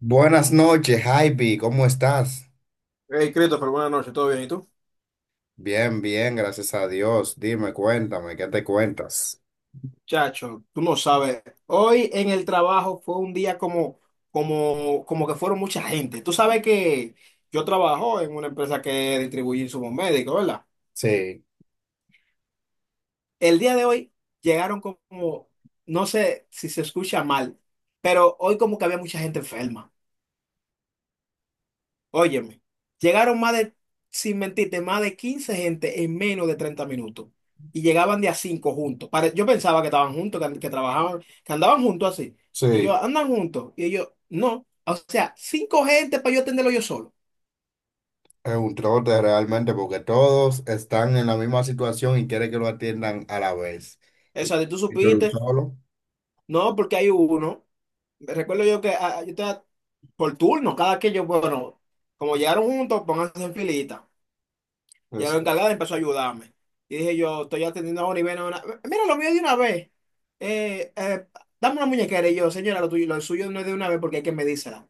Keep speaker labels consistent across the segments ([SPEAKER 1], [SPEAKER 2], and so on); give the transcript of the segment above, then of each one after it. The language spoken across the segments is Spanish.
[SPEAKER 1] Buenas noches, Javi, ¿cómo estás?
[SPEAKER 2] Hey, Christopher, buenas noches, ¿todo bien? ¿Y tú?
[SPEAKER 1] Bien, bien, gracias a Dios. Dime, cuéntame, ¿qué te cuentas?
[SPEAKER 2] Chacho, tú no sabes, hoy en el trabajo fue un día como que fueron mucha gente. Tú sabes que yo trabajo en una empresa que distribuye insumos médicos, ¿verdad?
[SPEAKER 1] Sí.
[SPEAKER 2] El día de hoy llegaron como, no sé si se escucha mal, pero hoy como que había mucha gente enferma. Óyeme, llegaron más de, sin mentirte, más de 15 gente en menos de 30 minutos. Y llegaban de a 5 juntos. Yo pensaba que estaban juntos, que trabajaban, que andaban juntos así. Y yo,
[SPEAKER 1] Sí,
[SPEAKER 2] andan juntos. Y ellos, no. O sea, cinco gente para yo atenderlo yo solo.
[SPEAKER 1] es un trote realmente porque todos están en la misma situación y quieren que lo atiendan a la vez. Y,
[SPEAKER 2] Esa de tú
[SPEAKER 1] y tú eres un
[SPEAKER 2] supiste,
[SPEAKER 1] solo.
[SPEAKER 2] no, porque hay uno. Recuerdo yo que yo estaba por turno, cada que yo, bueno, como llegaron juntos, pónganse en filita. Ya
[SPEAKER 1] Eso.
[SPEAKER 2] la encargada empezó a ayudarme. Y dije yo, estoy atendiendo ahora y ven a una. Mira, lo mío de una vez. Eh, eh, dame una muñequera. Y yo, señora, lo tuyo, lo suyo no es de una vez porque hay que medírsela.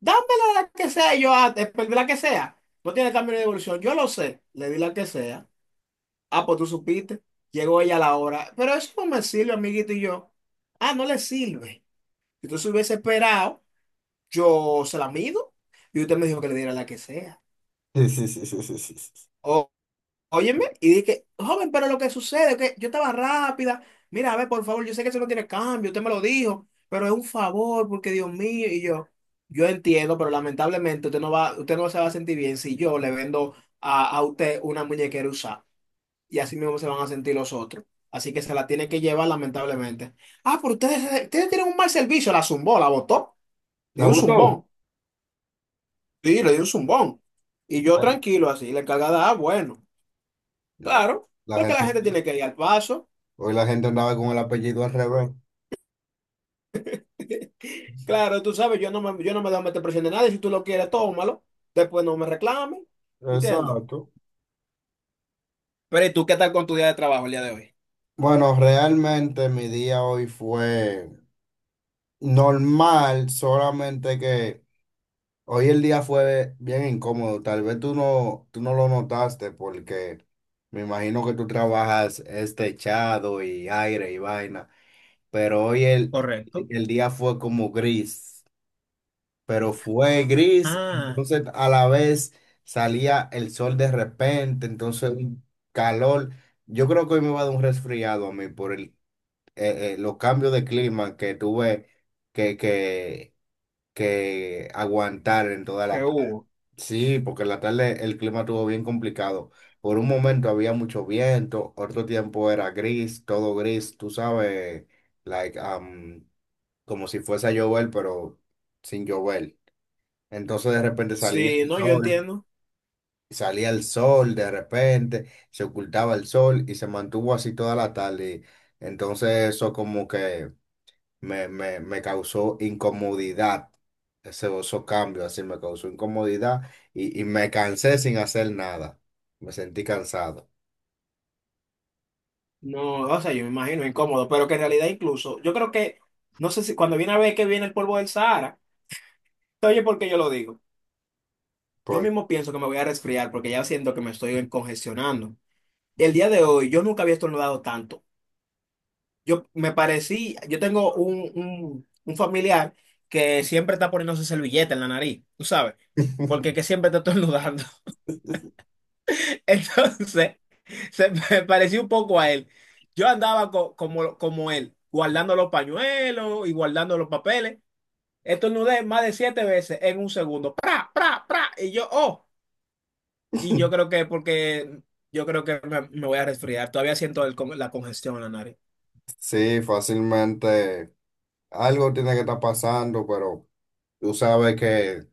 [SPEAKER 2] Dámela la que sea. Y yo, pues, la que sea. No tiene cambio de devolución. Yo lo sé. Le di la que sea. Ah, pues tú supiste. Llegó ella a la hora. Pero eso no me sirve, amiguito. Y yo, no le sirve. Si tú se hubiese esperado, yo se la mido. Y usted me dijo que le diera la que sea.
[SPEAKER 1] Sí, sí, sí, sí, sí, sí, sí.
[SPEAKER 2] Óyeme, y dije, joven, pero lo que sucede es que yo estaba rápida. Mira, a ver, por favor, yo sé que eso no tiene cambio, usted me lo dijo, pero es un favor, porque Dios mío, y yo entiendo, pero lamentablemente usted no va, usted no se va a sentir bien si yo le vendo a usted una muñequera usada, y así mismo se van a sentir los otros. Así que se la tiene que llevar, lamentablemente. Ah, pero ustedes tienen un mal servicio, la zumbó, la botó, le
[SPEAKER 1] ¿La
[SPEAKER 2] dio un
[SPEAKER 1] gustó?
[SPEAKER 2] zumbón, sí, le dio un zumbón. Y yo
[SPEAKER 1] Ay,
[SPEAKER 2] tranquilo, así, la encargada, bueno,
[SPEAKER 1] no,
[SPEAKER 2] claro,
[SPEAKER 1] la
[SPEAKER 2] porque la
[SPEAKER 1] gente,
[SPEAKER 2] gente tiene que ir al paso.
[SPEAKER 1] hoy la gente andaba con el apellido al revés.
[SPEAKER 2] Claro, tú sabes, yo no me dejo meter presión de nadie. Si tú lo quieres, tómalo. Después no me reclames. ¿Entiendes?
[SPEAKER 1] Exacto.
[SPEAKER 2] Pero ¿y tú qué tal con tu día de trabajo el día de hoy?
[SPEAKER 1] Bueno, realmente mi día hoy fue. Normal, solamente que hoy el día fue bien incómodo. Tal vez tú no lo notaste porque me imagino que tú trabajas este techado y aire y vaina, pero hoy
[SPEAKER 2] Correcto.
[SPEAKER 1] el día fue como gris, pero fue gris,
[SPEAKER 2] Ah,
[SPEAKER 1] entonces a la vez salía el sol de repente, entonces un calor. Yo creo que hoy me va a dar un resfriado a mí por el, los cambios de clima que tuve que, que que aguantar en toda
[SPEAKER 2] ¿qué
[SPEAKER 1] la tarde.
[SPEAKER 2] hubo?
[SPEAKER 1] Sí, porque en la tarde el clima estuvo bien complicado. Por un momento había mucho viento, otro tiempo era gris, todo gris, tú sabes, like, como si fuese a llover, pero sin llover. Entonces de repente
[SPEAKER 2] Sí, no, yo entiendo.
[SPEAKER 1] salía el sol, de repente se ocultaba el sol y se mantuvo así toda la tarde. Entonces eso como que me causó incomodidad. Ese, esos cambios así me causó incomodidad y me cansé sin hacer nada. Me sentí cansado.
[SPEAKER 2] No, o sea, yo me imagino incómodo, pero que en realidad incluso, yo creo que, no sé si cuando viene a ver que viene el polvo del Sahara, oye, ¿por qué yo lo digo? Yo
[SPEAKER 1] Por-
[SPEAKER 2] mismo pienso que me voy a resfriar porque ya siento que me estoy congestionando. El día de hoy yo nunca había estornudado tanto. Yo me parecí, yo tengo un familiar que siempre está poniéndose servilleta en la nariz, tú sabes, porque que siempre está estornudando. Entonces, se me pareció un poco a él. Yo andaba como él, guardando los pañuelos y guardando los papeles. Estornudé más de siete veces en un segundo. ¡Pra, pra, pra! Y yo, y yo creo que me voy a resfriar. Todavía siento la congestión en la nariz.
[SPEAKER 1] sí, fácilmente algo tiene que estar pasando, pero tú sabes que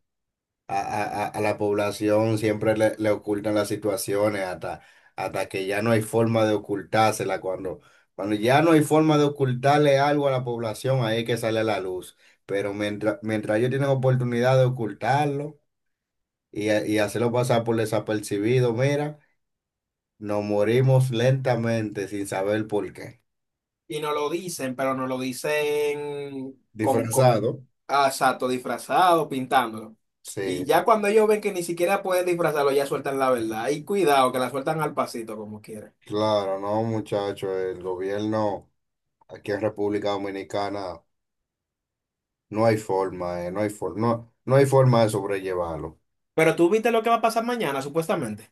[SPEAKER 1] a la población siempre le, le ocultan las situaciones hasta, hasta que ya no hay forma de ocultársela. Cuando, cuando ya no hay forma de ocultarle algo a la población, ahí es que sale a la luz. Pero mientras, mientras ellos tienen oportunidad de ocultarlo y, ha- y hacerlo pasar por desapercibido, mira, nos morimos lentamente sin saber por qué.
[SPEAKER 2] Y no lo dicen, pero no lo dicen con, con
[SPEAKER 1] Disfrazado.
[SPEAKER 2] ah, exacto, disfrazado, pintándolo.
[SPEAKER 1] Sí,
[SPEAKER 2] Y ya cuando ellos ven que ni siquiera pueden disfrazarlo, ya sueltan la verdad. Y cuidado, que la sueltan al pasito como quieran.
[SPEAKER 1] claro, no, muchachos, el gobierno aquí en República Dominicana. No hay forma, no hay forma, no, no hay forma de sobrellevarlo.
[SPEAKER 2] Pero tú viste lo que va a pasar mañana, supuestamente.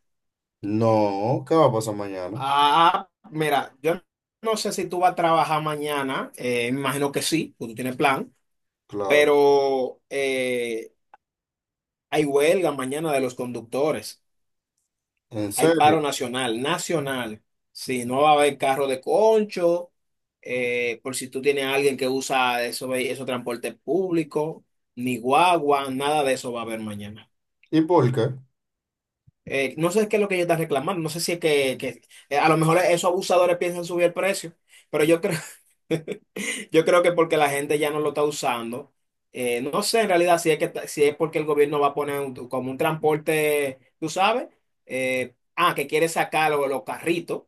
[SPEAKER 1] No, ¿qué va a pasar mañana?
[SPEAKER 2] Ah, mira, yo no sé si tú vas a trabajar mañana, me imagino que sí, porque tú tienes plan,
[SPEAKER 1] Claro,
[SPEAKER 2] pero hay huelga mañana de los conductores.
[SPEAKER 1] ¿en
[SPEAKER 2] Hay
[SPEAKER 1] serio?
[SPEAKER 2] paro nacional, nacional. Sí, no va a haber carro de concho, por si tú tienes a alguien que usa eso, esos transportes públicos, ni guagua, nada de eso va a haber mañana.
[SPEAKER 1] ¿Y por qué?
[SPEAKER 2] No sé qué es lo que ella está reclamando, no sé si a lo mejor esos abusadores piensan subir el precio, pero yo creo, yo creo que porque la gente ya no lo está usando, no sé en realidad si si es porque el gobierno va a poner como un transporte, tú sabes, eh, que quiere sacar los carritos.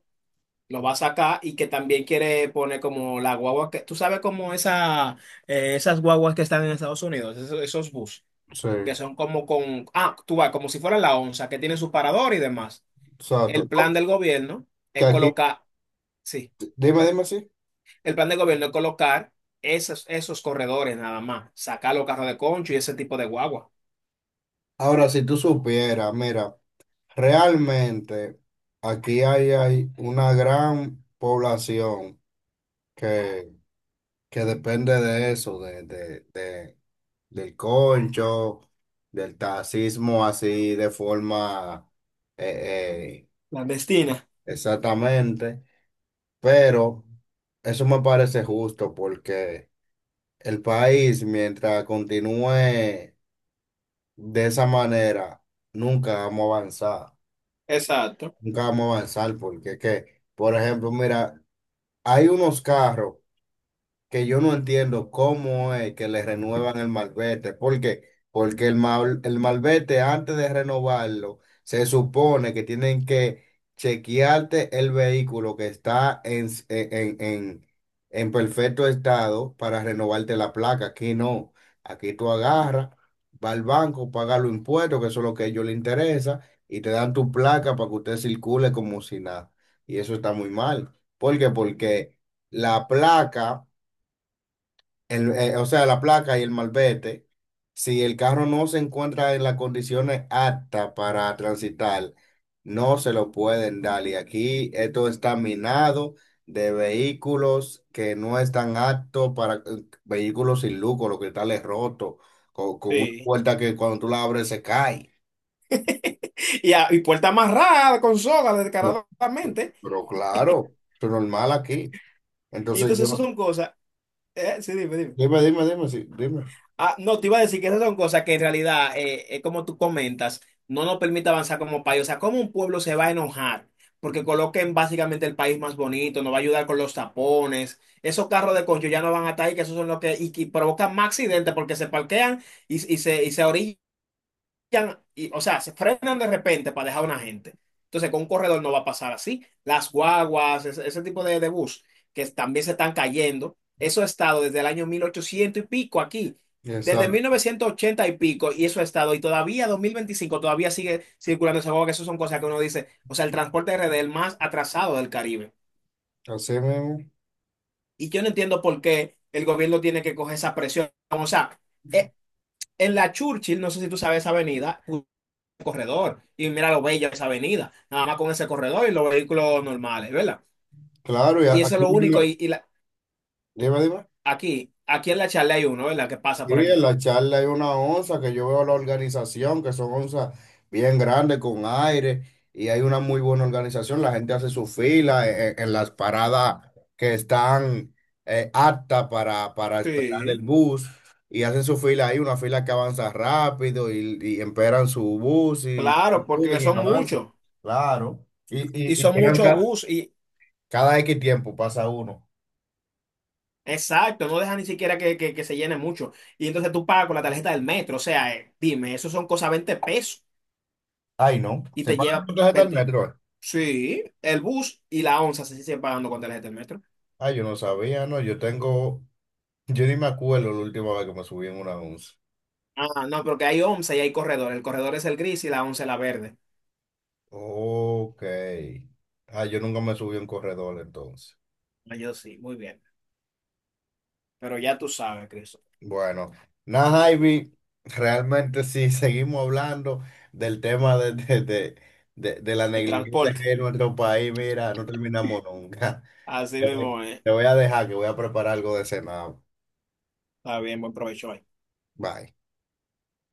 [SPEAKER 2] Lo va a sacar y que también quiere poner como la guagua que, tú sabes como esa, esas guaguas que están en Estados Unidos, esos bus,
[SPEAKER 1] Sí,
[SPEAKER 2] que son como tú vas, como si fuera la onza, que tiene su parador y demás.
[SPEAKER 1] exacto.
[SPEAKER 2] El plan
[SPEAKER 1] No,
[SPEAKER 2] del gobierno
[SPEAKER 1] que
[SPEAKER 2] es
[SPEAKER 1] aquí,
[SPEAKER 2] colocar, sí,
[SPEAKER 1] dime, dime así.
[SPEAKER 2] el plan del gobierno es colocar esos corredores nada más, sacar los carros de concho y ese tipo de guagua.
[SPEAKER 1] Ahora, si tú supieras, mira, realmente aquí hay, hay una gran población que, que depende de eso, de del concho, del taxismo así de forma... eh, eh,
[SPEAKER 2] Clandestina.
[SPEAKER 1] exactamente, pero eso me parece justo porque el país, mientras continúe de esa manera, nunca vamos a avanzar,
[SPEAKER 2] Exacto.
[SPEAKER 1] nunca vamos a avanzar porque es que, por ejemplo, mira, hay unos carros. Que yo no entiendo cómo es que le renuevan el malvete. ¿Por qué? Porque el, mal- el malvete, antes de renovarlo, se supone que tienen que chequearte el vehículo que está en en perfecto estado para renovarte la placa. Aquí no. Aquí tú agarras, vas al banco, pagas los impuestos, que eso es lo que a ellos les interesa, y te dan tu placa para que usted circule como si nada. Y eso está muy mal. ¿Por qué? Porque la placa o sea, la placa y el malvete, si el carro no se encuentra en las condiciones aptas para transitar, no se lo pueden dar. Y aquí esto está minado de vehículos que no están aptos para vehículos sin luco, los cristales rotos, con una
[SPEAKER 2] Sí.
[SPEAKER 1] puerta que cuando tú la abres se cae.
[SPEAKER 2] Y puerta amarrada con soga
[SPEAKER 1] No.
[SPEAKER 2] descaradamente.
[SPEAKER 1] Pero claro, es normal aquí.
[SPEAKER 2] Y
[SPEAKER 1] Entonces
[SPEAKER 2] entonces eso
[SPEAKER 1] yo,
[SPEAKER 2] son cosas. Sí, dime, dime.
[SPEAKER 1] dime, dime, dime, sí, dime.
[SPEAKER 2] Ah, no, te iba a decir que esas son cosas que en realidad, como tú comentas, no nos permite avanzar como país. O sea, ¿cómo un pueblo se va a enojar? Porque coloquen básicamente el país más bonito, nos va a ayudar con los tapones. Esos carros de concho ya no van a estar ahí, que esos son los que, y, que provocan más accidentes porque se parquean y se orillan y, o sea, se frenan de repente para dejar a una gente. Entonces, con un corredor no va a pasar así. Las guaguas, ese tipo de bus que también se están cayendo, eso ha estado desde el año 1800 y pico aquí,
[SPEAKER 1] Esa,
[SPEAKER 2] desde 1980 y pico, y eso ha estado, y todavía 2025 todavía sigue circulando esa guagua, que eso son cosas que uno dice, o sea, el transporte RD es el más atrasado del Caribe.
[SPEAKER 1] así mismo.
[SPEAKER 2] Y yo no entiendo por qué el gobierno tiene que coger esa presión. O sea, eh, en la Churchill, no sé si tú sabes esa avenida, corredor y mira lo bella esa avenida, nada más con ese corredor y los vehículos normales, ¿verdad?
[SPEAKER 1] Claro, y a-
[SPEAKER 2] Y eso es
[SPEAKER 1] aquí
[SPEAKER 2] lo único.
[SPEAKER 1] mismo.
[SPEAKER 2] Y, y la-
[SPEAKER 1] Dime, dime.
[SPEAKER 2] aquí, aquí en la charla hay uno, ¿verdad? Que pasa
[SPEAKER 1] Sí,
[SPEAKER 2] por
[SPEAKER 1] en
[SPEAKER 2] aquí.
[SPEAKER 1] la charla hay una onza que yo veo la organización, que son onzas bien grandes con aire y hay una muy buena organización. La gente hace su fila e- e- en, las paradas que están aptas para esperar el
[SPEAKER 2] Sí,
[SPEAKER 1] bus y hacen su fila ahí, una fila que avanza rápido y esperan su bus y
[SPEAKER 2] claro, porque
[SPEAKER 1] suben y
[SPEAKER 2] son
[SPEAKER 1] avanzan.
[SPEAKER 2] muchos
[SPEAKER 1] Claro.
[SPEAKER 2] y
[SPEAKER 1] Y
[SPEAKER 2] son
[SPEAKER 1] llegan
[SPEAKER 2] muchos
[SPEAKER 1] ca-
[SPEAKER 2] bus y
[SPEAKER 1] cada X tiempo, pasa uno.
[SPEAKER 2] exacto, no deja ni siquiera que se llene mucho. Y entonces tú pagas con la tarjeta del metro, o sea, dime, eso son cosas 20 pesos
[SPEAKER 1] Ay, no.
[SPEAKER 2] y
[SPEAKER 1] Se
[SPEAKER 2] te
[SPEAKER 1] pagan
[SPEAKER 2] lleva
[SPEAKER 1] con tarjeta del
[SPEAKER 2] 20.
[SPEAKER 1] metro.
[SPEAKER 2] Sí, el bus y la onza se siguen pagando con tarjeta del metro.
[SPEAKER 1] Ah, yo no sabía, no, yo tengo, yo ni me acuerdo la última vez que me subí en una once.
[SPEAKER 2] Ah, no, porque hay onza y hay corredor. El corredor es el gris y la onza es la verde.
[SPEAKER 1] Ok. Ah, yo nunca me subí en corredor entonces.
[SPEAKER 2] Ah, yo sí, muy bien. Pero ya tú sabes, Cristo.
[SPEAKER 1] Bueno, nada, Ivy, realmente sí, seguimos hablando del tema de de la
[SPEAKER 2] El
[SPEAKER 1] negligencia
[SPEAKER 2] transporte,
[SPEAKER 1] que hay en nuestro país, mira, no terminamos nunca.
[SPEAKER 2] así
[SPEAKER 1] Te voy,
[SPEAKER 2] mismo es.
[SPEAKER 1] te voy a dejar que voy a preparar algo de cenar.
[SPEAKER 2] Está bien, buen provecho ahí.
[SPEAKER 1] Bye.